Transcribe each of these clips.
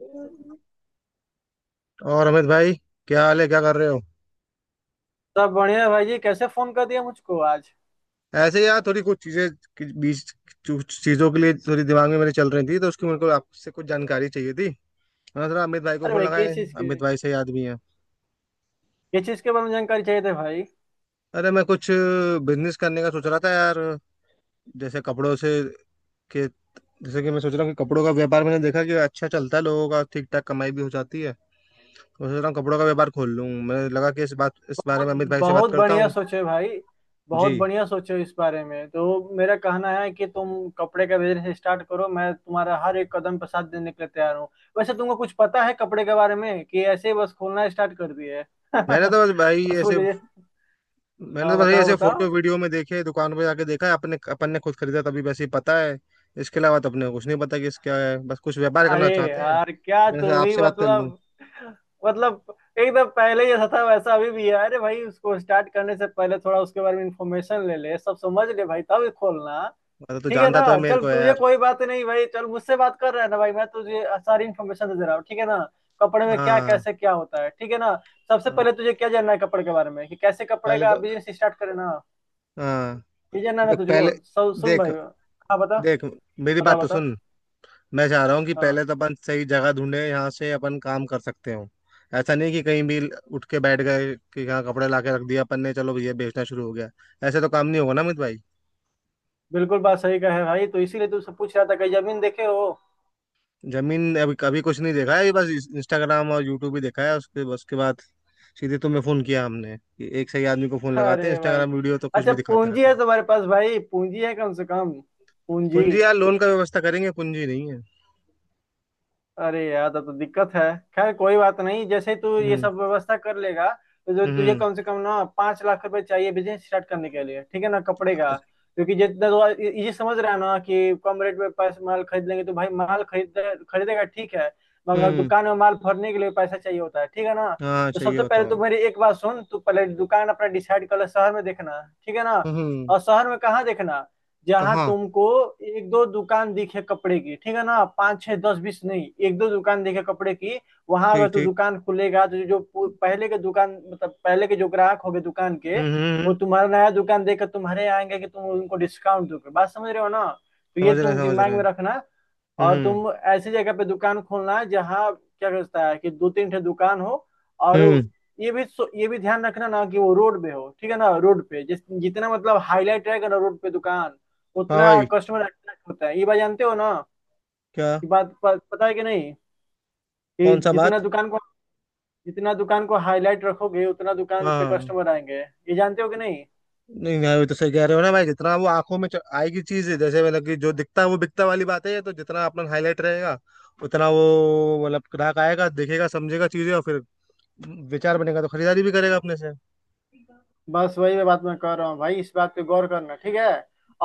और अमित भाई, क्या हाल है? क्या कर रहे हो? सब बढ़िया है भाई जी। कैसे फोन कर दिया मुझको आज? ऐसे ही यार, थोड़ी कुछ चीजें कि- बीच कुछ चीजों के लिए थोड़ी दिमाग में मेरे चल रही थी, तो उसकी मेरे को आपसे कुछ जानकारी चाहिए थी। मैंने थोड़ा अमित भाई को अरे फोन भाई लगाया, अमित भाई सही आदमी है। किस चीज के बारे में जानकारी चाहिए थी भाई? अरे, मैं कुछ बिजनेस करने का सोच रहा था यार। जैसे कपड़ों से के जैसे कि मैं सोच रहा हूँ कि कपड़ों का व्यापार, मैंने देखा कि अच्छा चलता है, लोगों का ठीक ठाक कमाई भी हो जाती है। मैं सोच रहा हूँ कपड़ों का व्यापार खोल लूँ, मुझे लगा कि इस बात इस बारे बहुत में अमित भाई से बात बहुत करता बढ़िया हूँ। सोचे भाई। बहुत जी। बढ़िया सोचो। इस बारे में तो मेरा कहना है कि तुम कपड़े का बिजनेस स्टार्ट करो। मैं तुम्हारा हर एक कदम पर साथ देने के लिए तैयार हूँ। वैसे तुमको कुछ पता है कपड़े के बारे में, कि ऐसे ही बस खोलना स्टार्ट कर दिए? मैंने तो बस भाई बस ऐसे मुझे मैंने तो हाँ बस ये बताओ ऐसे फोटो बताओ। वीडियो में देखे, दुकान पे जाके देखा है, अपने अपन ने खुद खरीदा तभी वैसे ही पता है। इसके अलावा तो अपने को कुछ नहीं पता कि इसका है, बस कुछ व्यापार करना अरे चाहते हैं, यार क्या मैंने तू सोचा भी आपसे बात कर लूं। मतलब, मतलब एकदम पहले जैसा था वैसा अभी भी है। अरे भाई उसको स्टार्ट करने से पहले थोड़ा उसके बारे में इंफॉर्मेशन ले ले, सब समझ ले भाई, तब ही खोलना, अरे तो ठीक है जानता तो है ना? मेरे चल को यार। तुझे कोई बात नहीं भाई, चल मुझसे बात कर रहा है ना भाई, मैं तुझे सारी इन्फॉर्मेशन दे दे रहा हूँ, ठीक है ना? कपड़े में क्या हाँ, कैसे क्या होता है, ठीक है ना? सबसे हाँ। पहले तुझे क्या जानना है कपड़े के बारे में, कि कैसे कपड़े पहले का तो, बिजनेस स्टार्ट करे ना? हाँ। ये जानना है ना देख तुझको, पहले। सब सुन देख। भाई। हाँ बता देख मेरी बता। बात तो बता। सुन। मैं चाह रहा हूँ कि पहले हाँ, तो अपन सही जगह ढूंढे, यहाँ से अपन काम कर सकते हो। ऐसा नहीं कि कहीं भी उठ के बैठ गए कि यहाँ कपड़े ला के रख दिया अपन ने, चलो ये बेचना शुरू हो गया। ऐसे तो काम नहीं होगा ना अमित भाई। बिल्कुल बात सही कहा है भाई, तो इसीलिए तुमसे पूछ रहा था कहीं जमीन देखे हो? जमीन अभी कभी कुछ नहीं देखा है, अभी बस इंस्टाग्राम और यूट्यूब ही देखा है, उसके बस के बाद सीधे तुम्हें फोन किया हमने कि एक सही आदमी को फोन लगाते हैं, अरे भाई, इंस्टाग्राम वीडियो तो कुछ अच्छा भी दिखाते पूंजी रहता है है। तुम्हारे पास भाई? पूंजी है कम से कम? पूंजी? पूंजी यार, लोन का व्यवस्था करेंगे, पूंजी नहीं है। अरे यार तब तो दिक्कत है। खैर कोई बात नहीं, जैसे तू ये हम्म। सब व्यवस्था कर लेगा तो जो तुझे हम्म। कम से कम ना 5 लाख रुपए चाहिए बिजनेस स्टार्ट करने के लिए, ठीक है ना, कपड़े का? अच्छा। क्योंकि जितना तो ये समझ रहा है ना कि कम रेट में पैसे माल खरीद लेंगे, तो भाई माल खरीदेगा ठीक है। मगर हम्म। दुकान में माल भरने के लिए पैसा चाहिए होता है, ठीक है ना? हाँ तो चाहिए सबसे होता पहले तो भाई। मेरी एक बात सुन, तू पहले दुकान अपना डिसाइड कर ले शहर में देखना, ठीक है ना? हम्म। और शहर में कहाँ देखना? जहां कहाँ? तुमको एक दो दुकान दिखे कपड़े की, ठीक है ना, पाँच छह दस बीस नहीं, एक दो दुकान दिखे कपड़े की। वहां अगर ठीक, तू ठीक। दुकान खुलेगा तो जो पहले के दुकान, मतलब पहले के जो ग्राहक होंगे दुकान के, हम्म, हम्म, वो हम्म। तुम्हारा नया दुकान देखकर तुम्हारे यहाँ आएंगे कि तुम उनको डिस्काउंट दोगे। बात समझ रहे हो ना? तो ये समझ रहे हैं, तुम समझ दिमाग रहे में हैं। रखना। और हम्म, तुम ऐसी जगह पे दुकान खोलना जहाँ क्या कहता है कि दो तीन ठे दुकान हो। और हम्म। ये भी ध्यान रखना ना, कि वो रोड पे हो, ठीक है ना? रोड पे जिस जितना मतलब हाईलाइट रहेगा ना रोड पे दुकान, हाँ उतना भाई। कस्टमर अट्रैक्ट होता है। ये बात जानते हो ना? क्या? कि बात पता है कि नहीं कि कौन सा बात? जितना दुकान को हाईलाइट रखोगे उतना दुकान पे हाँ। कस्टमर आएंगे, ये जानते हो कि नहीं? नहीं, नहीं, वो तो सही कह रहे हो ना भाई, जितना वो आंखों में आएगी चीज, जैसे मतलब कि जो दिखता है वो बिकता वाली बात है, ये तो जितना अपना हाईलाइट रहेगा उतना वो मतलब ग्राहक आएगा, देखेगा, समझेगा चीजें और फिर विचार बनेगा तो खरीदारी भी करेगा अपने से। बस वही मैं बात मैं कह रहा हूँ भाई, इस बात पे गौर करना ठीक है।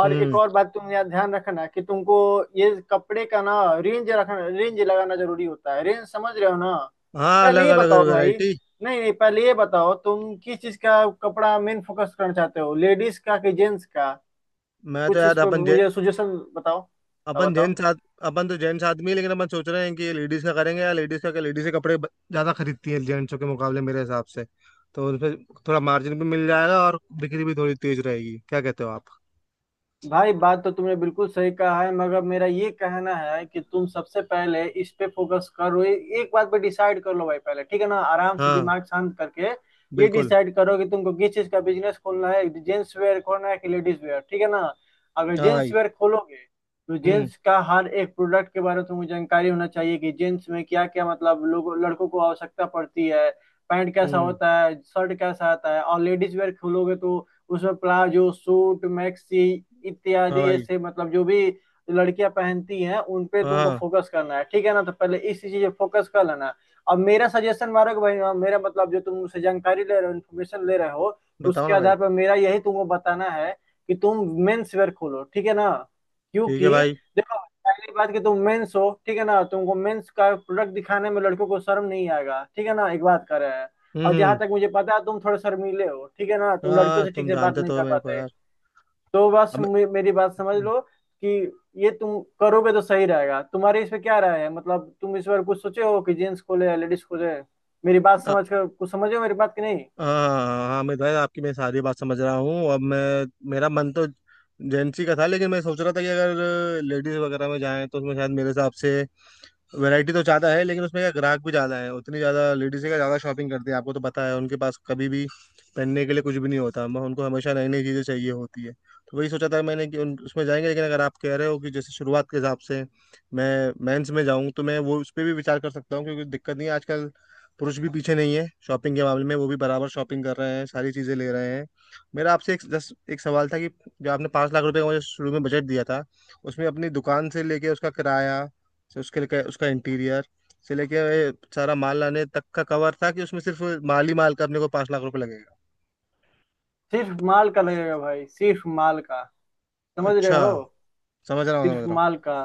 और एक हम्म। और बात तुम यहाँ ध्यान रखना कि तुमको ये कपड़े का ना, रेंज रखना, रेंज लगाना जरूरी होता है, रेंज समझ रहे हो ना? हाँ, पहले अलग ये अलग बताओ भाई, वैरायटी। नहीं नहीं पहले ये बताओ, तुम किस चीज का कपड़ा मेन फोकस करना चाहते हो? लेडीज का कि जेंट्स का? मैं तो कुछ इस यार पर मुझे सुजेशन बताओ, आप अपन बताओ। जेंट्स आद, अपन तो जेंट्स आदमी है, लेकिन अपन सोच रहे हैं कि लेडीज का करेंगे यार, लेडीज का क्या, लेडीज के कपड़े ज्यादा खरीदती है जेंट्सों के मुकाबले मेरे हिसाब से। तो उनपे थोड़ा मार्जिन भी मिल जाएगा और बिक्री भी थोड़ी तेज रहेगी, क्या कहते हो आप? भाई बात तो तुमने बिल्कुल सही कहा है, मगर मेरा ये कहना है कि तुम सबसे पहले इस पे फोकस करो। एक बात पे डिसाइड कर लो भाई पहले, ठीक है ना, आराम से हाँ, दिमाग शांत करके। ये बिल्कुल। डिसाइड करो कि तुमको किस चीज का बिजनेस खोलना है, जेंट्स वेयर खोलना है कि लेडीज वेयर, ठीक है ना? अगर हाँ जेंट्स भाई। वेयर खोलोगे तो हम्म, जेंट्स का हर एक प्रोडक्ट के बारे में तुमको जानकारी होना चाहिए, कि जेंट्स में क्या क्या मतलब लोगों लड़कों को आवश्यकता पड़ती है। पैंट कैसा हम्म। होता है, शर्ट कैसा आता है। और लेडीज वेयर खोलोगे तो उसमें प्लाजो, सूट, मैक्सी हाँ इत्यादि, भाई। ऐसे मतलब जो भी लड़कियां पहनती हैं उन पे हाँ, तुमको हाँ, फोकस करना है, ठीक है ना? तो पहले इस चीज पे फोकस कर लेना। अब मेरा सजेशन मारो कि भाई, हाँ, मेरा मतलब जो तुम मुझसे जानकारी ले रहे हो, इन्फॉर्मेशन ले रहे हो, बताओ उसके ना भाई। आधार पर मेरा यही तुमको बताना है कि तुम मेंस वेयर खोलो, ठीक है ना? ठीक है क्योंकि भाई। देखो, पहली बात कि तुम मेंस हो, ठीक है ना, तुमको मेंस का प्रोडक्ट दिखाने में लड़कों को शर्म नहीं आएगा, ठीक है ना, एक बात कर रहे हैं। हम्म, और जहां हम्म। तक मुझे पता है तुम थोड़े शर्मीले हो, ठीक है ना, तुम लड़कियों हाँ, से ठीक तुम से बात जानते नहीं तो हो कर मेरे को पाते। यार। तो बस अब मैं, मेरी बात समझ हम्म। लो कि ये तुम करोगे तो सही रहेगा। तुम्हारी इस पे क्या राय है? मतलब तुम इस बार कुछ सोचे हो कि जेंट्स खोले या लेडीज खोले? मेरी बात अ- समझ कर कुछ समझे हो मेरी बात की नहीं? हाँ। हाँ, मैं भाई आपकी मैं सारी बात समझ रहा हूँ, अब मैं, मेरा मन तो जेंट्स ही का था, लेकिन मैं सोच रहा था कि अगर लेडीज वगैरह में जाएं तो उसमें शायद मेरे हिसाब से वैरायटी तो ज्यादा है, लेकिन उसमें क्या ग्राहक भी ज्यादा है? उतनी ज्यादा लेडीज का ज्यादा शॉपिंग करती है, आपको तो पता है उनके पास कभी भी पहनने के लिए कुछ भी नहीं होता, उनको हमेशा नई नई चीजें चाहिए होती है। तो वही सोचा था मैंने कि उन उसमें जाएंगे, लेकिन अगर आप कह रहे हो कि जैसे शुरुआत के हिसाब से मैं मेंस में जाऊं तो मैं वो उस पर भी विचार कर सकता हूँ, क्योंकि दिक्कत नहीं है, आजकल पुरुष भी पीछे नहीं है शॉपिंग के मामले में, वो भी बराबर शॉपिंग कर रहे हैं, सारी चीजें ले रहे हैं। मेरा आपसे एक जस्ट एक सवाल था कि जो आपने 5 लाख रुपए का मुझे शुरू में बजट दिया था, उसमें अपनी दुकान से लेके उसका किराया, से उसके लिए उसका इंटीरियर, से लेके ये सारा माल लाने तक का कवर था, कि उसमें सिर्फ माल ही माल का अपने को 5 लाख रुपए लगेगा? सिर्फ माल का लगेगा भाई, सिर्फ माल का। समझ रहे अच्छा। हो? समझ रहा हूँ, समझ सिर्फ रहा हूँ। माल का।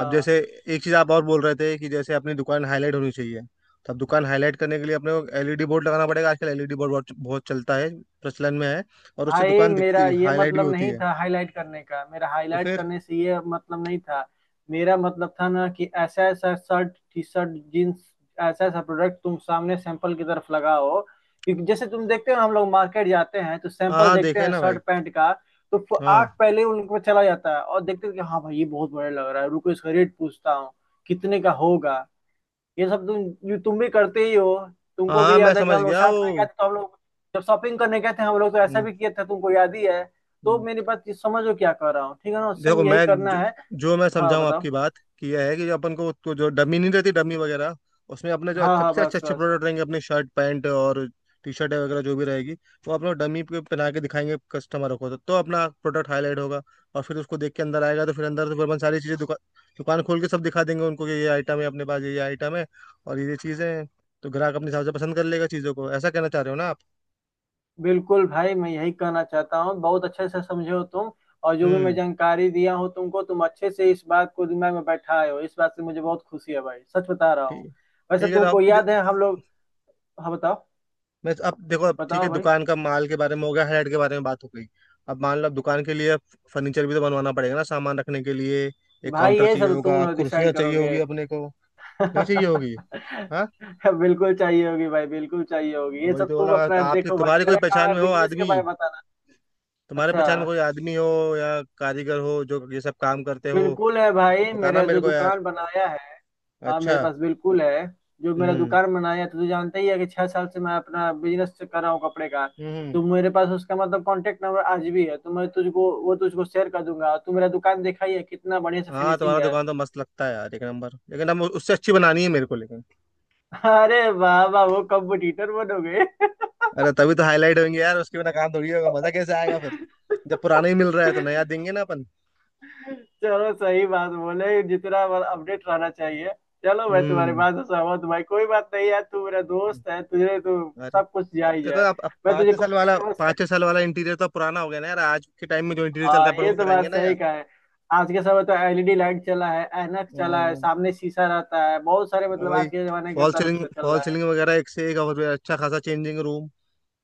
अब जैसे एक चीज़ आप और बोल रहे थे कि जैसे अपनी दुकान हाईलाइट होनी चाहिए, तो अब दुकान हाईलाइट करने के लिए अपने को एलईडी बोर्ड लगाना पड़ेगा, आजकल एलईडी बोर्ड बहुत बहुत चलता है, प्रचलन में है, और उससे भाई, दुकान मेरा दिखती ये हाईलाइट भी मतलब होती नहीं है। था हाईलाइट करने का, मेरा तो हाईलाइट फिर? करने से ये मतलब नहीं था। मेरा मतलब था ना, कि ऐसा ऐसा शर्ट, टी शर्ट, जीन्स, ऐसा ऐसा प्रोडक्ट तुम सामने सैंपल की तरफ लगाओ, क्योंकि जैसे तुम देखते हो हम लोग मार्केट जाते हैं तो हाँ, सैंपल हाँ, देखते देखा है हैं ना शर्ट भाई। पैंट का। तो आंख हाँ, पहले उन पे चला जाता है और देखते हैं कि हाँ भाई ये बहुत बड़ा लग रहा है, रुको इसका रेट पूछता हूँ कितने का होगा। ये सब तुम, ये तुम भी करते ही हो। हाँ, तुमको हाँ, भी मैं याद है कि समझ हम लोग गया साथ में गए वो। थे तो हम लोग जब शॉपिंग करने गए थे हम लोग, तो ऐसा हम्म। भी किए थे, तुमको याद ही है। तो हम्म। मेरी बात ये समझो क्या कर रहा हूँ, ठीक है ना, सेम देखो यही मैं करना जो, है। जो मैं हाँ समझाऊँ बताओ। आपकी बात, कि यह है कि जो अपन को तो जो डमी नहीं रहती, डमी वगैरह उसमें अपने जो हाँ हाँ, सबसे अच्छे बस अच्छे बस। प्रोडक्ट रहेंगे, अपने शर्ट पैंट और टी शर्ट वगैरह जो भी रहेगी, वो अपना डमी पे पहना के दिखाएंगे कस्टमर को, तो अपना प्रोडक्ट हाईलाइट होगा, और फिर उसको देख के अंदर आएगा, तो फिर अंदर से फिर अपन सारी चीज़ें दुकान दुकान खोल के सब दिखा देंगे उनको कि ये आइटम है अपने पास, ये आइटम है और ये चीज़ें हैं, तो ग्राहक अपने हिसाब से पसंद कर लेगा चीज़ों को, ऐसा कहना चाह रहे हो ना आप? बिल्कुल भाई मैं यही कहना चाहता हूँ, बहुत अच्छे से समझे हो तुम। और जो भी मैं हम्म। जानकारी दिया हूँ तुमको, तुम अच्छे से इस बात को दिमाग में बैठाए हो, इस बात से मुझे बहुत खुशी है भाई, सच बता रहा हूँ। ठीक। वैसे ठीक है, तो तुमको आप, याद है हम लोग? हाँ बताओ मैं तो, अब देखो, अब ठीक बताओ है, भाई दुकान का माल के बारे में हो गया, हेड के बारे में बात हो गई। अब मान लो अब दुकान के लिए फर्नीचर भी तो बनवाना पड़ेगा ना सामान रखने के लिए, एक भाई, काउंटर ये चाहिए सब तुम होगा, लोग डिसाइड कुर्सियां चाहिए करोगे। होगी अपने को। नहीं चाहिए होगी? हाँ। बिल्कुल चाहिए होगी भाई, बिल्कुल चाहिए होगी, तो ये वही सब तो तुम बोला, तो अपना आपकी देखो भाई, तुम्हारी कोई मेरा काम पहचान है में हो बिजनेस के आदमी, बारे में बताना। तुम्हारे अच्छा, पहचान में कोई आदमी हो या कारीगर हो जो ये सब काम करते हो? बिल्कुल है भाई, बताना मेरा मेरे जो को यार। दुकान बनाया है, हाँ अच्छा। मेरे पास बिल्कुल है। जो मेरा हम्म, दुकान बनाया है तो तू जानता ही है कि 6 साल से मैं अपना बिजनेस कर रहा हूँ कपड़े का। हम्म। तो मेरे पास उसका मतलब कांटेक्ट नंबर आज भी है, तो मैं तुझको वो तुझको शेयर कर दूंगा। तू मेरा दुकान देखा ही है, कितना बढ़िया से हाँ, फिनिशिंग तुम्हारा है। दुकान तो मस्त लगता है यार, एक नंबर, लेकिन अब उससे अच्छी बनानी है मेरे को, लेकिन अरे वाह वाह, वो कंपटीटर बनोगे। अरे तभी तो हाईलाइट होंगे यार, उसके बिना काम थोड़ी होगा, मजा कैसे आएगा फिर? जब पुराना ही मिल रहा है तो नया देंगे ना अपन। चलो सही बात बोले, जितना अपडेट रहना चाहिए। चलो मैं तुम्हारी हम्म। बात से सहमत हूँ भाई, कोई बात नहीं है, तू मेरा दोस्त है, तुझे तो अरे सब कुछ जा अब ही देखो जाए। अब मैं पाँच तुझे छह साल वाला कॉन्टेक्ट नंबर शेयर पाँच छह करूँ? साल वाला इंटीरियर तो पुराना हो गया ना यार, आज के टाइम में जो इंटीरियर चल हाँ रहा है अपन ये वो तो बात कराएंगे ना सही यार। कहा है। आज के समय तो एलईडी लाइट चला है, ऐनक चला है, हाँ, सामने शीशा रहता है, बहुत सारे अब मतलब आज भाई के जमाने के फॉल तरफ सीलिंग से चल फॉल रहा है। सीलिंग वगैरह, एक से एक, और अच्छा खासा चेंजिंग रूम,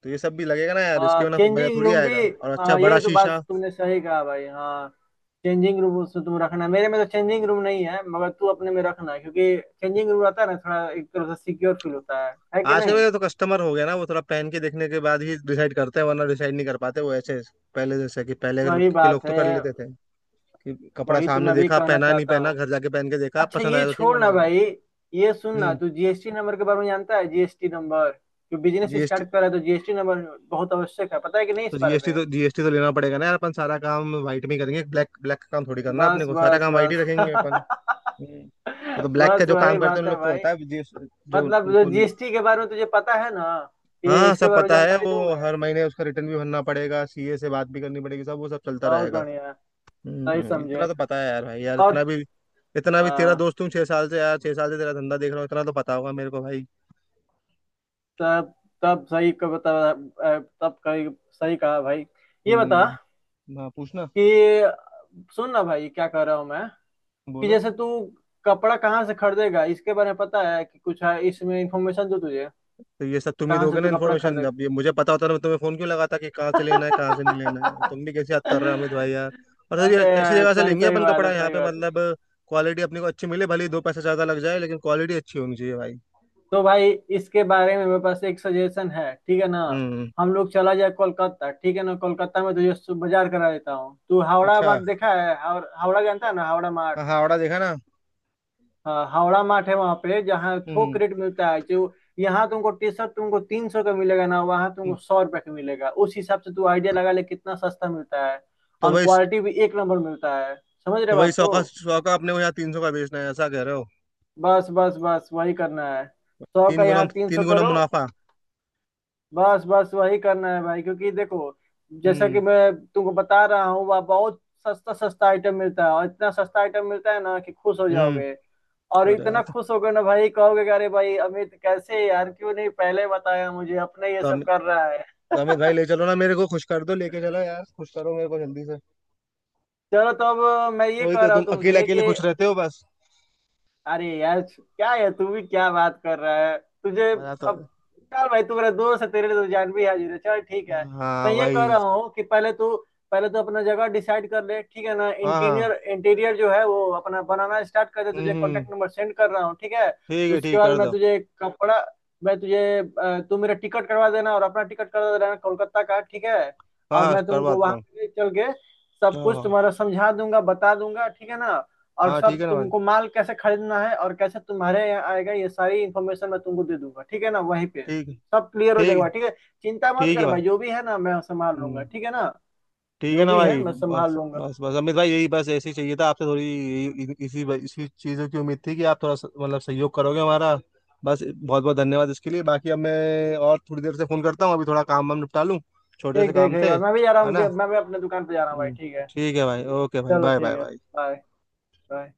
तो ये सब भी लगेगा ना यार, इसके हाँ बिना कोई मजा चेंजिंग थोड़ी रूम भी। आएगा, और अच्छा हाँ ये बड़ा तो बात शीशा। तुमने सही कहा भाई हाँ। चेंजिंग रूम उसमें तुम रखना, मेरे में तो चेंजिंग रूम नहीं है मगर तू अपने में रखना, क्योंकि चेंजिंग रूम रहता है ना, थोड़ा एक तरह से सिक्योर फील होता है कि आजकल नहीं? का तो कस्टमर हो गया ना वो, थोड़ा पहन के देखने के बाद ही डिसाइड करते हैं, वरना डिसाइड नहीं कर पाते वो ऐसे। पहले जैसे कि पहले के वही लोग के बात लोग तो है, कर लेते थे कि कपड़ा वही तो सामने मैं भी देखा, कहना पहना नहीं चाहता हूँ। पहना, घर जाके पहन के देखा, अच्छा पसंद ये आया तो ठीक, छोड़ वरना ना कोई बात। भाई, ये सुन ना, हम्म। तू जीएसटी नंबर के बारे में जानता है? जीएसटी नंबर जो बिजनेस जीएसटी स्टार्ट कर रहा है तो जीएसटी नंबर बहुत आवश्यक है, पता है कि नहीं इस तो बारे जीएसटी में? तो जीएसटी तो लेना पड़ेगा ना यार, अपन सारा काम व्हाइट में ही करेंगे, ब्लैक ब्लैक का काम थोड़ी करना है बस अपने को, सारा बस काम व्हाइट ही बस। रखेंगे अपन। हम्म। वो तो ब्लैक का बस जो वही काम करते हैं बात उन है लोग को भाई। होता है GST, जो मतलब जो उनको नहीं। जीएसटी के बारे में तुझे पता है ना, कि हाँ, इसके सब बारे में पता है जानकारी दूं वो मैं? हर महीने उसका रिटर्न भी भरना पड़ेगा, सीए से बात भी करनी पड़ेगी, सब वो सब चलता बहुत रहेगा। बढ़िया, सही हम्म, इतना समझे। तो पता है यार भाई, यार और इतना भी, इतना भी तेरा आ, दोस्त हूँ 6 साल से यार, 6 साल से तेरा धंधा देख रहा हूँ, इतना तो पता होगा मेरे को भाई। तब तब सही का बता। तब कही सही कहा भाई। ये बता हम्म। हाँ पूछना। कि, सुन ना भाई क्या कह रहा हूँ मैं, कि बोलो। जैसे तू कपड़ा कहाँ से खरीदेगा इसके बारे में पता है कि कुछ है? इसमें इंफॉर्मेशन दो तुझे तो ये सब तुम ही कहाँ से दोगे तू ना कपड़ा इन्फॉर्मेशन, खरीदेगा। अब ये मुझे पता होता ना मैं तुम्हें फोन क्यों लगाता कि कहाँ से लेना है, कहाँ से नहीं लेना है, तुम भी कैसे याद कर रहे हो अमित भाई यार। और सर ये अरे ऐसी यार, जगह से सही लेंगे सही अपन बात कपड़ा है, यहाँ सही पे बात। मतलब, क्वालिटी अपने को अच्छी मिले, भले ही दो पैसा ज्यादा लग जाए, लेकिन क्वालिटी अच्छी होनी चाहिए भाई। तो भाई इसके बारे में मेरे पास एक सजेशन है, ठीक है ना? हम्म। हम लोग चला जाए कोलकाता, ठीक है ना, कोलकाता में तुझे बाजार करा देता हूँ। तू हावड़ा अच्छा। मार्ट देखा है, हावड़ा जानता है ना, हावड़ा मार्ट? हाँ, हाँ, हावड़ा देखा ना। हाँ हावड़ा मार्ट है वहाँ पे जहाँ थोक हम्म। रेट मिलता है, जो यहाँ तुमको टी शर्ट तुमको 300 का मिलेगा ना, वहाँ तुमको हम्म। 100 रुपये का मिलेगा। उस हिसाब से तू आइडिया लगा ले कितना सस्ता मिलता है। तो और वही, क्वालिटी भी एक नंबर मिलता है, समझ रहे तो वही बात 100 को? का सौ का अपने को यहाँ 300 का बेचना है, ऐसा कह रहे हो? बस बस बस वही करना है, 100 का 3 गुना, यहाँ 300 तीन गुना करो। मुनाफा। बस बस वही करना है भाई, क्योंकि देखो जैसा कि हम्म। मैं तुमको बता रहा हूँ वह बहुत सस्ता सस्ता आइटम मिलता है, और इतना सस्ता आइटम मिलता है ना कि खुश हो जाओगे। हम्म। और अरे इतना यार, खुश होगे ना भाई, कहोगे कि अरे भाई अमित कैसे यार, क्यों नहीं पहले बताया मुझे अपने ये तो सब अमित कर रहा है। तो अमित भाई ले चलो ना मेरे को, खुश कर दो, लेके चलो यार, खुश करो मेरे को जल्दी से। चलो तो अब मैं ये वही कह तो रहा तुम हूँ अकेले तुमसे अकेले कि खुश रहते हो बस। अरे यार क्या है तू भी, क्या बात कर रहा है तुझे मेरा तो, अब? चल भाई तू मेरा दोस्त है, तेरे लिए तो जान भी हाजिर है, चल ठीक है। मैं हाँ ये कह वही। रहा हूँ कि पहले तो अपना जगह डिसाइड कर ले, ठीक है ना? हाँ, इंटीरियर हाँ। इंटीरियर जो है वो अपना बनाना स्टार्ट कर दे, हम्म, तुझे कॉन्टेक्ट नंबर सेंड कर रहा हूँ ठीक है? ठीक है, उसके ठीक बाद कर मैं दो। तुझे कपड़ा, तू मेरा टिकट करवा देना और अपना टिकट करवा देना कोलकाता का, ठीक है? हाँ, और हाँ, मैं करवा तुमको वहां देता हूँ। पे ले चल के सब हाँ, कुछ हाँ। तुम्हारा समझा दूंगा बता दूंगा, ठीक है ना? और हाँ, ठीक सब है ना भाई। तुमको माल कैसे खरीदना है और कैसे तुम्हारे यहाँ आएगा ये सारी इन्फॉर्मेशन मैं तुमको दे दूंगा, ठीक है ना, वहीं पे? ठीक है। सब क्लियर हो जाएगा, ठीक। ठीक है। चिंता मत ठीक है कर भाई। भाई, जो भी है ना मैं संभाल लूंगा, हम्म। ठीक है ना? ठीक है जो ना भी है भाई? मैं संभाल बस, लूंगा। बस, बस, अमित भाई, यही बस ऐसे ही चाहिए था आपसे, थोड़ी इसी इसी चीज़ों की उम्मीद थी कि आप थोड़ा मतलब सहयोग करोगे हमारा। बस, बहुत बहुत धन्यवाद इसके लिए, बाकी अब मैं और थोड़ी देर से फोन करता हूँ, अभी थोड़ा काम वाम निपटा लूँ, छोटे ठीक से ठीक काम ठीक थे, भाई, मैं भी जा रहा है हूँ, ना? मैं भी अपने दुकान पे जा रहा हूँ भाई, हम्म। ठीक है? ठीक है भाई, ओके भाई, चलो बाय, ठीक बाय, है। बाय। Bye bye.